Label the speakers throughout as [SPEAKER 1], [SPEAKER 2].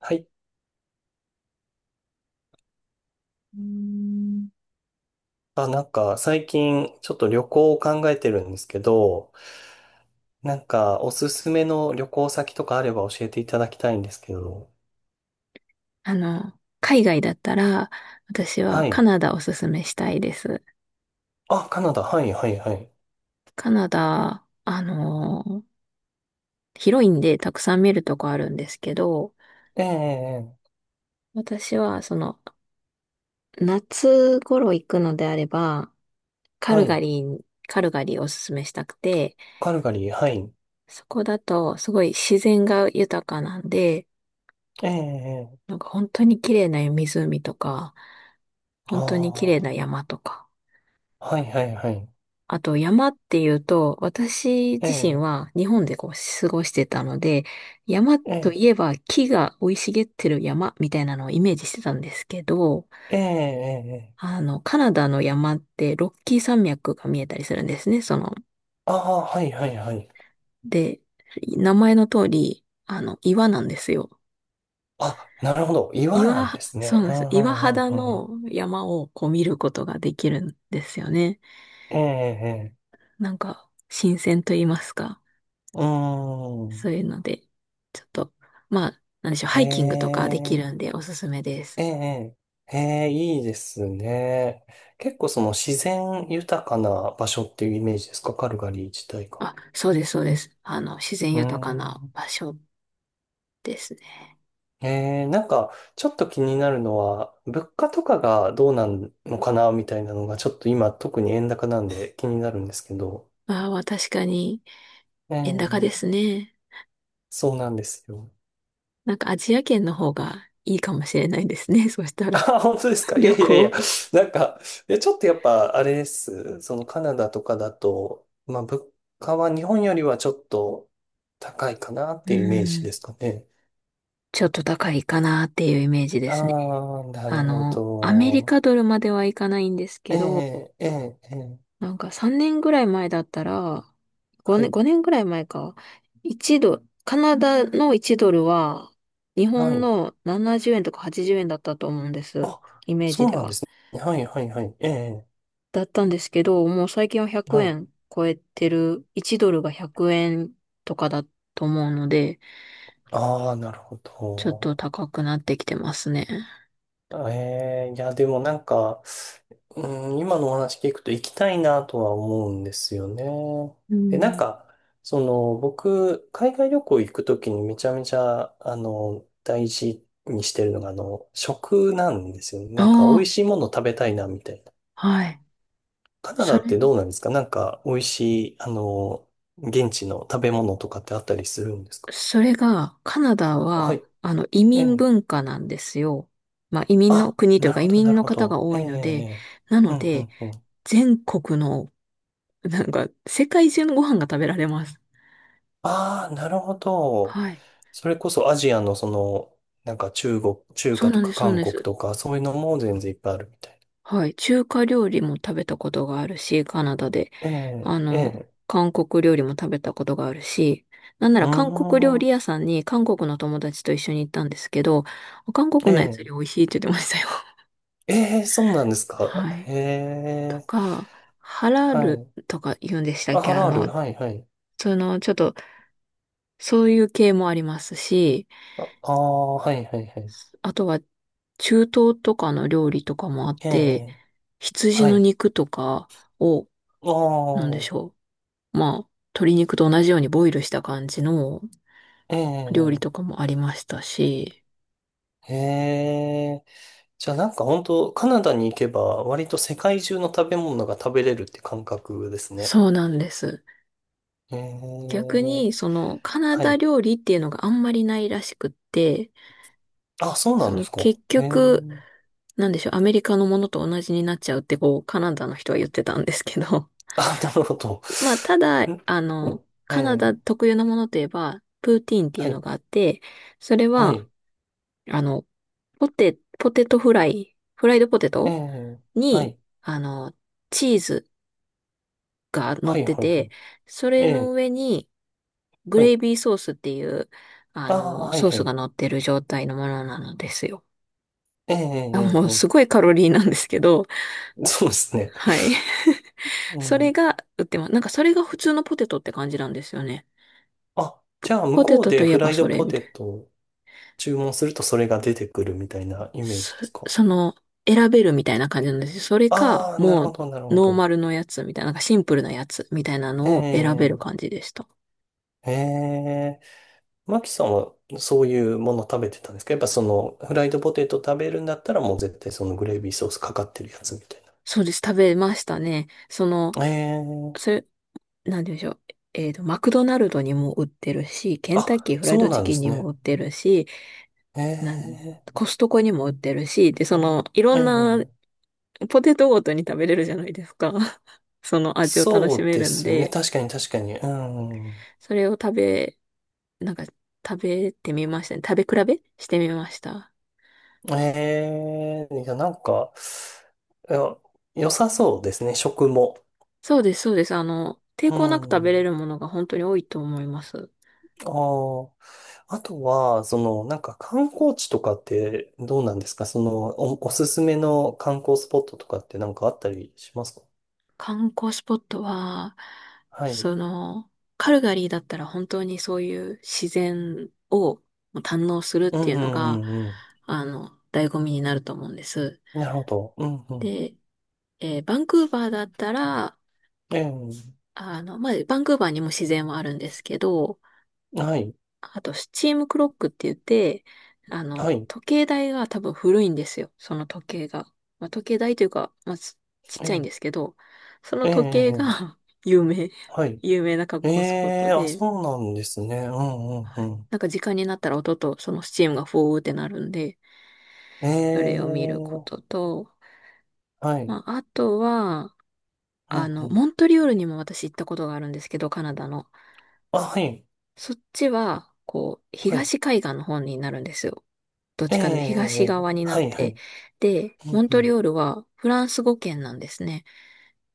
[SPEAKER 1] はい。うーん。あ、なんか最近ちょっと旅行を考えてるんですけど、なんかおすすめの旅行先とかあれば教えていただきたいんですけど。
[SPEAKER 2] 海外だったら、私は
[SPEAKER 1] は
[SPEAKER 2] カ
[SPEAKER 1] い。
[SPEAKER 2] ナダおすすめしたいです。
[SPEAKER 1] あ、カナダ。はい、はい、はい。
[SPEAKER 2] カナダ、広いんでたくさん見るとこあるんですけど、
[SPEAKER 1] ええ、ええ、
[SPEAKER 2] 私は夏頃行くのであれば、カ
[SPEAKER 1] は
[SPEAKER 2] ルガ
[SPEAKER 1] い。
[SPEAKER 2] リーカルガリーをおすすめしたくて、
[SPEAKER 1] カルガリー。はい。
[SPEAKER 2] そこだとすごい自然が豊かなんで、
[SPEAKER 1] ええ、え
[SPEAKER 2] なん
[SPEAKER 1] え、
[SPEAKER 2] か本当に綺麗な湖とか、本当に綺麗
[SPEAKER 1] ああ
[SPEAKER 2] な山とか、
[SPEAKER 1] ー、はい、はい、はい。
[SPEAKER 2] あと山っていうと、私
[SPEAKER 1] え
[SPEAKER 2] 自身
[SPEAKER 1] え、
[SPEAKER 2] は日本でこう過ごしてたので、山
[SPEAKER 1] え
[SPEAKER 2] と
[SPEAKER 1] え、
[SPEAKER 2] いえば木が生い茂ってる山みたいなのをイメージしてたんですけど、
[SPEAKER 1] ええ、ええ、ええ、
[SPEAKER 2] カナダの山ってロッキー山脈が見えたりするんですね、
[SPEAKER 1] ああ、はい、はい、はい。
[SPEAKER 2] で、名前の通り、岩なんですよ。
[SPEAKER 1] あ、なるほど。岩なん
[SPEAKER 2] 岩、
[SPEAKER 1] です
[SPEAKER 2] そう
[SPEAKER 1] ね。う
[SPEAKER 2] なんです。
[SPEAKER 1] ん、う
[SPEAKER 2] 岩
[SPEAKER 1] ん、うん、
[SPEAKER 2] 肌
[SPEAKER 1] う
[SPEAKER 2] の
[SPEAKER 1] ん。
[SPEAKER 2] 山をこう見ることができるんですよね。
[SPEAKER 1] ええ、ええ、
[SPEAKER 2] なんか、新鮮と言いますか。
[SPEAKER 1] うー
[SPEAKER 2] そ
[SPEAKER 1] ん。
[SPEAKER 2] ういうので、ちょっと、まあ、なんでしょう、ハイキング
[SPEAKER 1] え
[SPEAKER 2] とかできるん
[SPEAKER 1] え、
[SPEAKER 2] でおすすめです。
[SPEAKER 1] ええ、ええ、いいですね。結構その自然豊かな場所っていうイメージですか、カルガリー自体が？
[SPEAKER 2] あ、そうです、そうです。自然
[SPEAKER 1] うー
[SPEAKER 2] 豊かな
[SPEAKER 1] ん。
[SPEAKER 2] 場所ですね。
[SPEAKER 1] ええ、なんか、ちょっと気になるのは、物価とかがどうなんのかな、みたいなのが、ちょっと今、特に円高なんで気になるんですけど。
[SPEAKER 2] ああ、確かに、
[SPEAKER 1] え
[SPEAKER 2] 円高です
[SPEAKER 1] え、
[SPEAKER 2] ね。
[SPEAKER 1] そうなんですよ。
[SPEAKER 2] なんかアジア圏の方がいいかもしれないですね。そしたら、
[SPEAKER 1] あ、本当ですか？いや
[SPEAKER 2] 旅
[SPEAKER 1] いやい
[SPEAKER 2] 行。
[SPEAKER 1] や、なんか、いやちょっとやっぱ、あれです。そのカナダとかだと、まあ、物価は日本よりはちょっと高いかなっ
[SPEAKER 2] う
[SPEAKER 1] ていうイメージ
[SPEAKER 2] ん。
[SPEAKER 1] ですかね。
[SPEAKER 2] ちょっと高いかなっていうイメージで
[SPEAKER 1] あ
[SPEAKER 2] すね。
[SPEAKER 1] あ、なるほ
[SPEAKER 2] アメリ
[SPEAKER 1] ど。
[SPEAKER 2] カドルまではいかないんです
[SPEAKER 1] え
[SPEAKER 2] けど、
[SPEAKER 1] え、ええ、ええ、
[SPEAKER 2] なんか3年ぐらい前だったら、
[SPEAKER 1] は
[SPEAKER 2] 5年、
[SPEAKER 1] い、
[SPEAKER 2] 5年ぐらい前か。1ドル、カナダの1ドルは日
[SPEAKER 1] は
[SPEAKER 2] 本
[SPEAKER 1] い。
[SPEAKER 2] の70円とか80円だったと思うんです。
[SPEAKER 1] あ、
[SPEAKER 2] イメージ
[SPEAKER 1] そう
[SPEAKER 2] で
[SPEAKER 1] なんで
[SPEAKER 2] は。
[SPEAKER 1] すね。はい、はい、はい。ええ、
[SPEAKER 2] だったんですけど、もう最近は100
[SPEAKER 1] はい。
[SPEAKER 2] 円超えてる、1ドルが100円とかだと思うので、
[SPEAKER 1] ああ、なるほ
[SPEAKER 2] ちょっと
[SPEAKER 1] ど。
[SPEAKER 2] 高くなってきてますね。
[SPEAKER 1] ええ、いや、でもなんか、うん、今のお話聞くと行きたいなとは思うんですよね。
[SPEAKER 2] う
[SPEAKER 1] で、なん
[SPEAKER 2] ん。
[SPEAKER 1] か、その、僕、海外旅行行くときにめちゃめちゃ、あの、大事にしてるのが、あの、食なんですよね。なんか、美
[SPEAKER 2] あ
[SPEAKER 1] 味しいもの食べたいな、みたいな。
[SPEAKER 2] あ、はい。
[SPEAKER 1] カナ
[SPEAKER 2] そ
[SPEAKER 1] ダ
[SPEAKER 2] れ
[SPEAKER 1] ってどうなんですか？なんか、美味しい、あの、現地の食べ物とかってあったりするんですか？
[SPEAKER 2] それが、カナダ
[SPEAKER 1] は
[SPEAKER 2] は、
[SPEAKER 1] い。
[SPEAKER 2] 移
[SPEAKER 1] え
[SPEAKER 2] 民
[SPEAKER 1] え。
[SPEAKER 2] 文化なんですよ。まあ、移民の
[SPEAKER 1] あ、
[SPEAKER 2] 国とい
[SPEAKER 1] な
[SPEAKER 2] う
[SPEAKER 1] る
[SPEAKER 2] か、
[SPEAKER 1] ほ
[SPEAKER 2] 移
[SPEAKER 1] ど、な
[SPEAKER 2] 民
[SPEAKER 1] る
[SPEAKER 2] の
[SPEAKER 1] ほ
[SPEAKER 2] 方が
[SPEAKER 1] ど。
[SPEAKER 2] 多
[SPEAKER 1] ええ、
[SPEAKER 2] いので、
[SPEAKER 1] ええ。
[SPEAKER 2] な
[SPEAKER 1] ええ、う
[SPEAKER 2] の
[SPEAKER 1] ん、う
[SPEAKER 2] で、
[SPEAKER 1] ん、うん。
[SPEAKER 2] 全国の、なんか、世界中のご飯が食べられます。
[SPEAKER 1] ああ、なるほど。
[SPEAKER 2] はい。
[SPEAKER 1] それこそアジアのその、なんか中国、中
[SPEAKER 2] そう
[SPEAKER 1] 華
[SPEAKER 2] な
[SPEAKER 1] と
[SPEAKER 2] んで
[SPEAKER 1] か
[SPEAKER 2] す、そうなん
[SPEAKER 1] 韓
[SPEAKER 2] で
[SPEAKER 1] 国
[SPEAKER 2] す。
[SPEAKER 1] とか、そういうのも全然いっぱいあるみたいな。
[SPEAKER 2] はい。中華料理も食べたことがあるし、カナダで。
[SPEAKER 1] ええ、
[SPEAKER 2] あ
[SPEAKER 1] え
[SPEAKER 2] の、
[SPEAKER 1] え、
[SPEAKER 2] 韓国料理も食べたことがあるし、なんな
[SPEAKER 1] う
[SPEAKER 2] ら
[SPEAKER 1] ー
[SPEAKER 2] 韓国料理
[SPEAKER 1] ん、
[SPEAKER 2] 屋さんに韓国の友達と一緒に行ったんですけど、韓
[SPEAKER 1] え
[SPEAKER 2] 国のやつよ
[SPEAKER 1] え、
[SPEAKER 2] り美味しいって言ってましたよ。
[SPEAKER 1] ええ、そうなんですか。
[SPEAKER 2] はい。
[SPEAKER 1] へ
[SPEAKER 2] と
[SPEAKER 1] え、
[SPEAKER 2] か、ハラ
[SPEAKER 1] は
[SPEAKER 2] ル
[SPEAKER 1] い。
[SPEAKER 2] とか言うんでしたっ
[SPEAKER 1] あ、ハ
[SPEAKER 2] け？
[SPEAKER 1] ラール、はい、はい。
[SPEAKER 2] ちょっと、そういう系もありますし、
[SPEAKER 1] あ、ああ、はい、はい、はい。
[SPEAKER 2] あとは、中東とかの料理とかもあっ
[SPEAKER 1] え
[SPEAKER 2] て、
[SPEAKER 1] え、
[SPEAKER 2] 羊
[SPEAKER 1] は
[SPEAKER 2] の
[SPEAKER 1] い。
[SPEAKER 2] 肉とかを、
[SPEAKER 1] あ
[SPEAKER 2] なんで
[SPEAKER 1] あ、
[SPEAKER 2] しょう。まあ、鶏肉と同じようにボイルした感じの
[SPEAKER 1] え
[SPEAKER 2] 料理
[SPEAKER 1] え、
[SPEAKER 2] とかもありましたし、
[SPEAKER 1] ええ。じゃあなんか本当カナダに行けば、割と世界中の食べ物が食べれるって感覚ですね。
[SPEAKER 2] そうなんです。
[SPEAKER 1] え
[SPEAKER 2] 逆
[SPEAKER 1] え、
[SPEAKER 2] に、カナ
[SPEAKER 1] は
[SPEAKER 2] ダ
[SPEAKER 1] い。
[SPEAKER 2] 料理っていうのがあんまりないらしくって、
[SPEAKER 1] あ、そうなんですか。
[SPEAKER 2] 結
[SPEAKER 1] ええ、
[SPEAKER 2] 局、なんでしょう、アメリカのものと同じになっちゃうってこう、カナダの人は言ってたんですけど、
[SPEAKER 1] あ、なるほど。
[SPEAKER 2] まあ、ただ、
[SPEAKER 1] ん、え
[SPEAKER 2] カナダ
[SPEAKER 1] え、
[SPEAKER 2] 特有なものといえば、プーティーンってい
[SPEAKER 1] は
[SPEAKER 2] うの
[SPEAKER 1] い、
[SPEAKER 2] があって、それ
[SPEAKER 1] は
[SPEAKER 2] は、
[SPEAKER 1] い、
[SPEAKER 2] あの、ポテ、ポテトフライ、フライドポテ
[SPEAKER 1] え
[SPEAKER 2] ト
[SPEAKER 1] え、は
[SPEAKER 2] に、
[SPEAKER 1] い、
[SPEAKER 2] あの、チーズが乗
[SPEAKER 1] は
[SPEAKER 2] っ
[SPEAKER 1] い、
[SPEAKER 2] て
[SPEAKER 1] はい、は
[SPEAKER 2] て、
[SPEAKER 1] い、
[SPEAKER 2] そ
[SPEAKER 1] え
[SPEAKER 2] れの
[SPEAKER 1] え、
[SPEAKER 2] 上に、グ
[SPEAKER 1] は
[SPEAKER 2] レイ
[SPEAKER 1] い、
[SPEAKER 2] ビーソースっていう、
[SPEAKER 1] ああ、はい、
[SPEAKER 2] ソー
[SPEAKER 1] は
[SPEAKER 2] スが
[SPEAKER 1] い、
[SPEAKER 2] 乗ってる状態のものなのですよ。
[SPEAKER 1] ええ、えー、
[SPEAKER 2] あ、
[SPEAKER 1] え、え
[SPEAKER 2] もう
[SPEAKER 1] ー。
[SPEAKER 2] すごいカロリーなんですけど、
[SPEAKER 1] そうですね。
[SPEAKER 2] はい。
[SPEAKER 1] う
[SPEAKER 2] それ
[SPEAKER 1] ん。
[SPEAKER 2] が売ってます。なんかそれが普通のポテトって感じなんですよね。
[SPEAKER 1] あ、じゃあ、向
[SPEAKER 2] ポテ
[SPEAKER 1] こう
[SPEAKER 2] トと
[SPEAKER 1] で
[SPEAKER 2] い
[SPEAKER 1] フ
[SPEAKER 2] え
[SPEAKER 1] ラ
[SPEAKER 2] ば
[SPEAKER 1] イド
[SPEAKER 2] それ
[SPEAKER 1] ポ
[SPEAKER 2] み
[SPEAKER 1] テ
[SPEAKER 2] たいな。
[SPEAKER 1] トを注文するとそれが出てくるみたいなイメー
[SPEAKER 2] そ、
[SPEAKER 1] ジですか？
[SPEAKER 2] その、選べるみたいな感じなんですよ。それか、
[SPEAKER 1] ああー、なる
[SPEAKER 2] も
[SPEAKER 1] ほ
[SPEAKER 2] う、
[SPEAKER 1] ど、なるほ
[SPEAKER 2] ノー
[SPEAKER 1] ど。
[SPEAKER 2] マルのやつみたいな、なんかシンプルなやつみたいな
[SPEAKER 1] え
[SPEAKER 2] のを選べる
[SPEAKER 1] え、
[SPEAKER 2] 感じでした。
[SPEAKER 1] ええ、マキさんはそういうもの食べてたんですか？やっぱそのフライドポテト食べるんだったらもう絶対そのグレービーソースかかってるやつみたい
[SPEAKER 2] そうです。食べましたね。
[SPEAKER 1] な。え
[SPEAKER 2] そ
[SPEAKER 1] え、
[SPEAKER 2] れ、なんて言うんでしょう。マクドナルドにも売ってるし、ケンタッキ
[SPEAKER 1] あ、
[SPEAKER 2] ーフライ
[SPEAKER 1] そ
[SPEAKER 2] ド
[SPEAKER 1] う
[SPEAKER 2] チ
[SPEAKER 1] なんで
[SPEAKER 2] キン
[SPEAKER 1] す
[SPEAKER 2] にも
[SPEAKER 1] ね。
[SPEAKER 2] 売ってるし、なん、
[SPEAKER 1] ええ、
[SPEAKER 2] コストコにも売ってるし、で、いろんな
[SPEAKER 1] ええ、
[SPEAKER 2] ポテトごとに食べれるじゃないですか。その味を楽
[SPEAKER 1] そ
[SPEAKER 2] し
[SPEAKER 1] う
[SPEAKER 2] め
[SPEAKER 1] で
[SPEAKER 2] るん
[SPEAKER 1] すね。
[SPEAKER 2] で、
[SPEAKER 1] 確かに、確かに。うん。
[SPEAKER 2] それを食べ、なんか食べてみましたね。食べ比べしてみました。
[SPEAKER 1] ええ、いや、なんか、いや、良さそうですね。食も。
[SPEAKER 2] そうです、そうです。抵
[SPEAKER 1] う
[SPEAKER 2] 抗なく食べれ
[SPEAKER 1] ん。
[SPEAKER 2] るものが本当に多いと思います。
[SPEAKER 1] ああ。あとは、その、なんか観光地とかってどうなんですか？その、おすすめの観光スポットとかってなんかあったりしますか？
[SPEAKER 2] 観光スポットは、
[SPEAKER 1] はい。
[SPEAKER 2] その、カルガリーだったら本当にそういう自然を堪能するっ
[SPEAKER 1] う
[SPEAKER 2] て
[SPEAKER 1] ん、
[SPEAKER 2] いう
[SPEAKER 1] う
[SPEAKER 2] の
[SPEAKER 1] ん、う
[SPEAKER 2] が、
[SPEAKER 1] ん、うん。
[SPEAKER 2] 醍醐味になると思うんです。
[SPEAKER 1] なるほど。うん、うん。
[SPEAKER 2] で、バンクーバーだったら、
[SPEAKER 1] ええ、
[SPEAKER 2] まあ、バンクーバーにも自然はあるんですけど、
[SPEAKER 1] はい。
[SPEAKER 2] あと、スチームクロックって言って、
[SPEAKER 1] はい。
[SPEAKER 2] 時計台が多分古いんですよ。その時計が。まあ、時計台というか、まあ、ちちっ
[SPEAKER 1] え
[SPEAKER 2] ちゃいん
[SPEAKER 1] え、
[SPEAKER 2] ですけど、その
[SPEAKER 1] ええ、
[SPEAKER 2] 時計
[SPEAKER 1] ええ、
[SPEAKER 2] が 有名、
[SPEAKER 1] はい。
[SPEAKER 2] 有名な観
[SPEAKER 1] え
[SPEAKER 2] 光スポット
[SPEAKER 1] え、あ、
[SPEAKER 2] で、
[SPEAKER 1] そうなんですね。うん、うん、うん。
[SPEAKER 2] なんか時間になったら音とそのスチームがフォーってなるんで、
[SPEAKER 1] え
[SPEAKER 2] それを見るこ
[SPEAKER 1] え、
[SPEAKER 2] とと、
[SPEAKER 1] はい。
[SPEAKER 2] まあ、あとは、
[SPEAKER 1] うん、うん。
[SPEAKER 2] モントリオールにも私行ったことがあるんですけど、カナダの。
[SPEAKER 1] あ、はい。
[SPEAKER 2] そっちは、こう、
[SPEAKER 1] はい。
[SPEAKER 2] 東海岸の方になるんですよ。どっ
[SPEAKER 1] え
[SPEAKER 2] ちかというと東
[SPEAKER 1] え、
[SPEAKER 2] 側にな
[SPEAKER 1] は
[SPEAKER 2] っ
[SPEAKER 1] い、は
[SPEAKER 2] て。
[SPEAKER 1] い。
[SPEAKER 2] で、
[SPEAKER 1] う
[SPEAKER 2] モ
[SPEAKER 1] ん、
[SPEAKER 2] ン
[SPEAKER 1] う
[SPEAKER 2] トリ
[SPEAKER 1] ん。
[SPEAKER 2] オールはフランス語圏なんですね。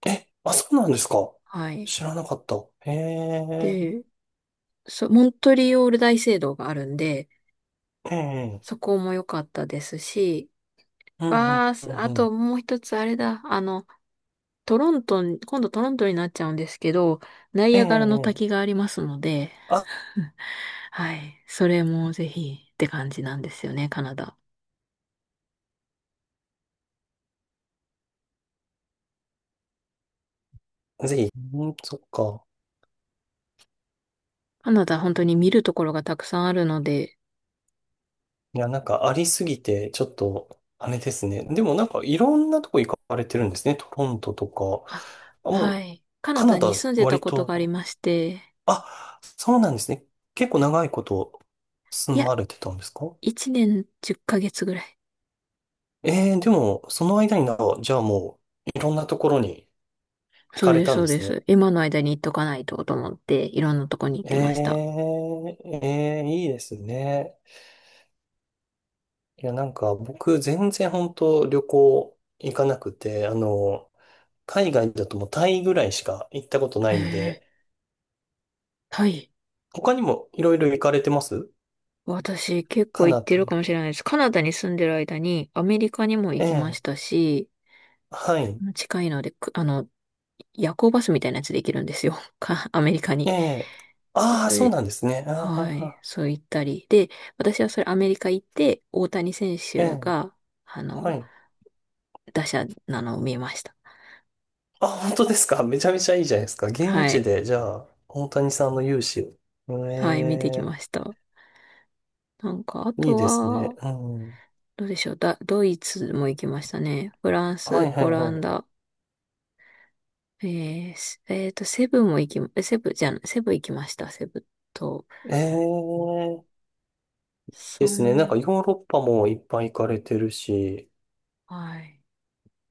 [SPEAKER 1] え、あ、そうなんですか？
[SPEAKER 2] はい。
[SPEAKER 1] 知らなかった。ええ。
[SPEAKER 2] で、モントリオール大聖堂があるんで、
[SPEAKER 1] ええ、
[SPEAKER 2] そこも良かったですし、
[SPEAKER 1] うん、うん、うん、
[SPEAKER 2] あ
[SPEAKER 1] うん。
[SPEAKER 2] ともう一つあれだ、トロントに、今度トロントになっちゃうんですけど、ナイ
[SPEAKER 1] え
[SPEAKER 2] アガラの
[SPEAKER 1] え、
[SPEAKER 2] 滝
[SPEAKER 1] ええ、
[SPEAKER 2] がありますので、
[SPEAKER 1] あ、
[SPEAKER 2] はい。それもぜひって感じなんですよね、カナダ。
[SPEAKER 1] ぜひ。うん、そっか。
[SPEAKER 2] カナダ本当に見るところがたくさんあるので、
[SPEAKER 1] いや、なんかありすぎて、ちょっと、あれですね。でもなんかいろんなとこ行かれてるんですね。トロントとか。
[SPEAKER 2] あ、
[SPEAKER 1] あ、も
[SPEAKER 2] は
[SPEAKER 1] う、
[SPEAKER 2] い。カナ
[SPEAKER 1] カナ
[SPEAKER 2] ダに
[SPEAKER 1] ダ、
[SPEAKER 2] 住んでた
[SPEAKER 1] 割
[SPEAKER 2] ことがあり
[SPEAKER 1] と、
[SPEAKER 2] まして、
[SPEAKER 1] あ、そうなんですね。結構長いこと
[SPEAKER 2] い
[SPEAKER 1] 住
[SPEAKER 2] や、
[SPEAKER 1] まれてたんですか？
[SPEAKER 2] 1年10ヶ月ぐらい。
[SPEAKER 1] ええ、でも、その間にじゃあもう、いろんなところに行
[SPEAKER 2] そう
[SPEAKER 1] かれ
[SPEAKER 2] です、
[SPEAKER 1] たん
[SPEAKER 2] そう
[SPEAKER 1] で
[SPEAKER 2] で
[SPEAKER 1] すね。
[SPEAKER 2] す。今の間に行っとかないとと思って、いろんなとこに行っ
[SPEAKER 1] え
[SPEAKER 2] てました。
[SPEAKER 1] え、ええ、いいですね。いや、なんか僕全然本当旅行行かなくて、あの、海外だともうタイぐらいしか行ったことな
[SPEAKER 2] へ
[SPEAKER 1] いんで、
[SPEAKER 2] え、はい。
[SPEAKER 1] 他にもいろいろ行かれてます？
[SPEAKER 2] 私結
[SPEAKER 1] カ
[SPEAKER 2] 構行っ
[SPEAKER 1] ナ
[SPEAKER 2] て
[SPEAKER 1] ダ
[SPEAKER 2] る
[SPEAKER 1] 以
[SPEAKER 2] か
[SPEAKER 1] 外。
[SPEAKER 2] もしれないです。カナダに住んでる間にアメリカにも行
[SPEAKER 1] え
[SPEAKER 2] きま
[SPEAKER 1] え、
[SPEAKER 2] したし、
[SPEAKER 1] はい。
[SPEAKER 2] 近いので、くあの、夜行バスみたいなやつで行けるんですよ。アメリカ
[SPEAKER 1] え
[SPEAKER 2] に。
[SPEAKER 1] え。
[SPEAKER 2] で
[SPEAKER 1] ああ、そうなんですね。ああ、
[SPEAKER 2] は
[SPEAKER 1] あ
[SPEAKER 2] い。
[SPEAKER 1] あ、
[SPEAKER 2] そう言ったり。で、私はそれアメリカ行って、大谷選
[SPEAKER 1] え
[SPEAKER 2] 手
[SPEAKER 1] え、
[SPEAKER 2] が、あ
[SPEAKER 1] は
[SPEAKER 2] の、
[SPEAKER 1] い。
[SPEAKER 2] 打者なのを見ました。
[SPEAKER 1] あ、本当ですか？ めちゃめちゃいいじゃないですか。現
[SPEAKER 2] は
[SPEAKER 1] 地
[SPEAKER 2] い。
[SPEAKER 1] で、じゃあ、大谷さんの勇姿を。
[SPEAKER 2] はい、見てき
[SPEAKER 1] え
[SPEAKER 2] ました。なんか、あ
[SPEAKER 1] え、いい
[SPEAKER 2] と
[SPEAKER 1] ですね。
[SPEAKER 2] は、
[SPEAKER 1] うん。
[SPEAKER 2] どうでしょう。ドイツも行きましたね。フラン
[SPEAKER 1] は
[SPEAKER 2] ス、
[SPEAKER 1] い、は
[SPEAKER 2] オ
[SPEAKER 1] い、は
[SPEAKER 2] ラン
[SPEAKER 1] い。
[SPEAKER 2] ダ、えー、すえーと、セブンも行き、えセブンじゃん、セブン行きました。セブンと、
[SPEAKER 1] ええ。
[SPEAKER 2] そ
[SPEAKER 1] ですね。なんか
[SPEAKER 2] ん、
[SPEAKER 1] ヨーロッパもいっぱい行かれてるし、
[SPEAKER 2] はい。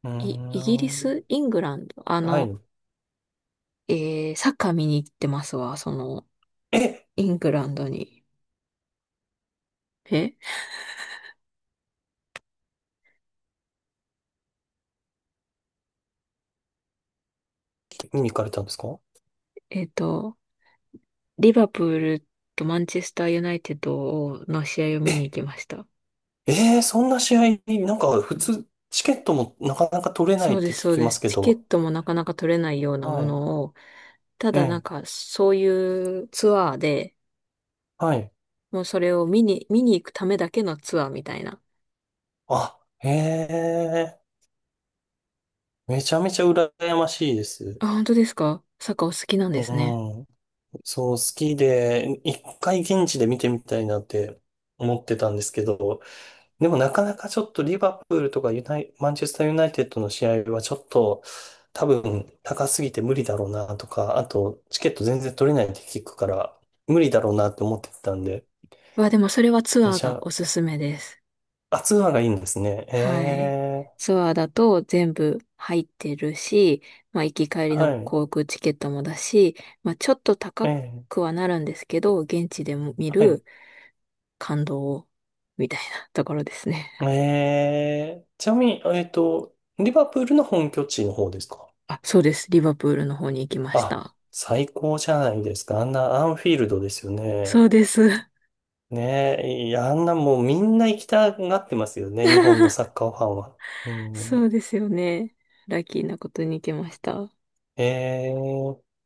[SPEAKER 1] うー
[SPEAKER 2] イギリス、
[SPEAKER 1] ん。
[SPEAKER 2] イングランド、
[SPEAKER 1] はい。
[SPEAKER 2] サッカー見に行ってますわ、
[SPEAKER 1] え、
[SPEAKER 2] イングランドに。え
[SPEAKER 1] 見に行かれたんですか？
[SPEAKER 2] えっと、リバプールとマンチェスターユナイテッドの試合を
[SPEAKER 1] え、
[SPEAKER 2] 見に行きました。
[SPEAKER 1] えー、そんな試合、なんか普通、チケットもなかなか取れない
[SPEAKER 2] そう
[SPEAKER 1] っ
[SPEAKER 2] で
[SPEAKER 1] て聞
[SPEAKER 2] す、そう
[SPEAKER 1] き
[SPEAKER 2] で
[SPEAKER 1] ま
[SPEAKER 2] す。
[SPEAKER 1] すけ
[SPEAKER 2] チケッ
[SPEAKER 1] ど。
[SPEAKER 2] トもなかなか取れないような
[SPEAKER 1] は
[SPEAKER 2] も
[SPEAKER 1] い。
[SPEAKER 2] のを、た
[SPEAKER 1] え
[SPEAKER 2] だなん
[SPEAKER 1] え、
[SPEAKER 2] かそういうツアーで、
[SPEAKER 1] はい。
[SPEAKER 2] もうそれを見に行くためだけのツアーみたいな。
[SPEAKER 1] あ、へえ、めちゃめちゃ羨ましいです。
[SPEAKER 2] あ、本当ですか？サッカーお好きなん
[SPEAKER 1] う
[SPEAKER 2] ですね。
[SPEAKER 1] ん。そう、好きで、一回現地で見てみたいなって思ってたんですけど、でもなかなかちょっとリバプールとかユナイ、マンチェスターユナイテッドの試合はちょっと多分高すぎて無理だろうなとか、あとチケット全然取れないって聞くから無理だろうなって思ってたんで、
[SPEAKER 2] わあ、でもそれはツ
[SPEAKER 1] め
[SPEAKER 2] アー
[SPEAKER 1] ち
[SPEAKER 2] が
[SPEAKER 1] ゃ、
[SPEAKER 2] おすすめです。
[SPEAKER 1] あ、ツアーがいいんですね。え
[SPEAKER 2] はい。
[SPEAKER 1] え、
[SPEAKER 2] ツアーだと全部入ってるし、まあ行き帰りの
[SPEAKER 1] はい、
[SPEAKER 2] 航空チケットもだし、まあちょっと
[SPEAKER 1] え
[SPEAKER 2] 高く
[SPEAKER 1] え、
[SPEAKER 2] はなるんですけど、現地でも見
[SPEAKER 1] はい。
[SPEAKER 2] る感動みたいなところですね。
[SPEAKER 1] ええ、ちなみに、リバプールの本拠地の方ですか？
[SPEAKER 2] あ、そうです。リバプールの方に行きまし
[SPEAKER 1] あ、
[SPEAKER 2] た。
[SPEAKER 1] 最高じゃないですか。あんなアンフィールドですよね。
[SPEAKER 2] そうです。
[SPEAKER 1] ねえ、いや、あんなもうみんな行きたがってますよね、日本の サッカーファンは。う
[SPEAKER 2] そう
[SPEAKER 1] ん。
[SPEAKER 2] ですよね。ラッキーなことに行きました。
[SPEAKER 1] ええ。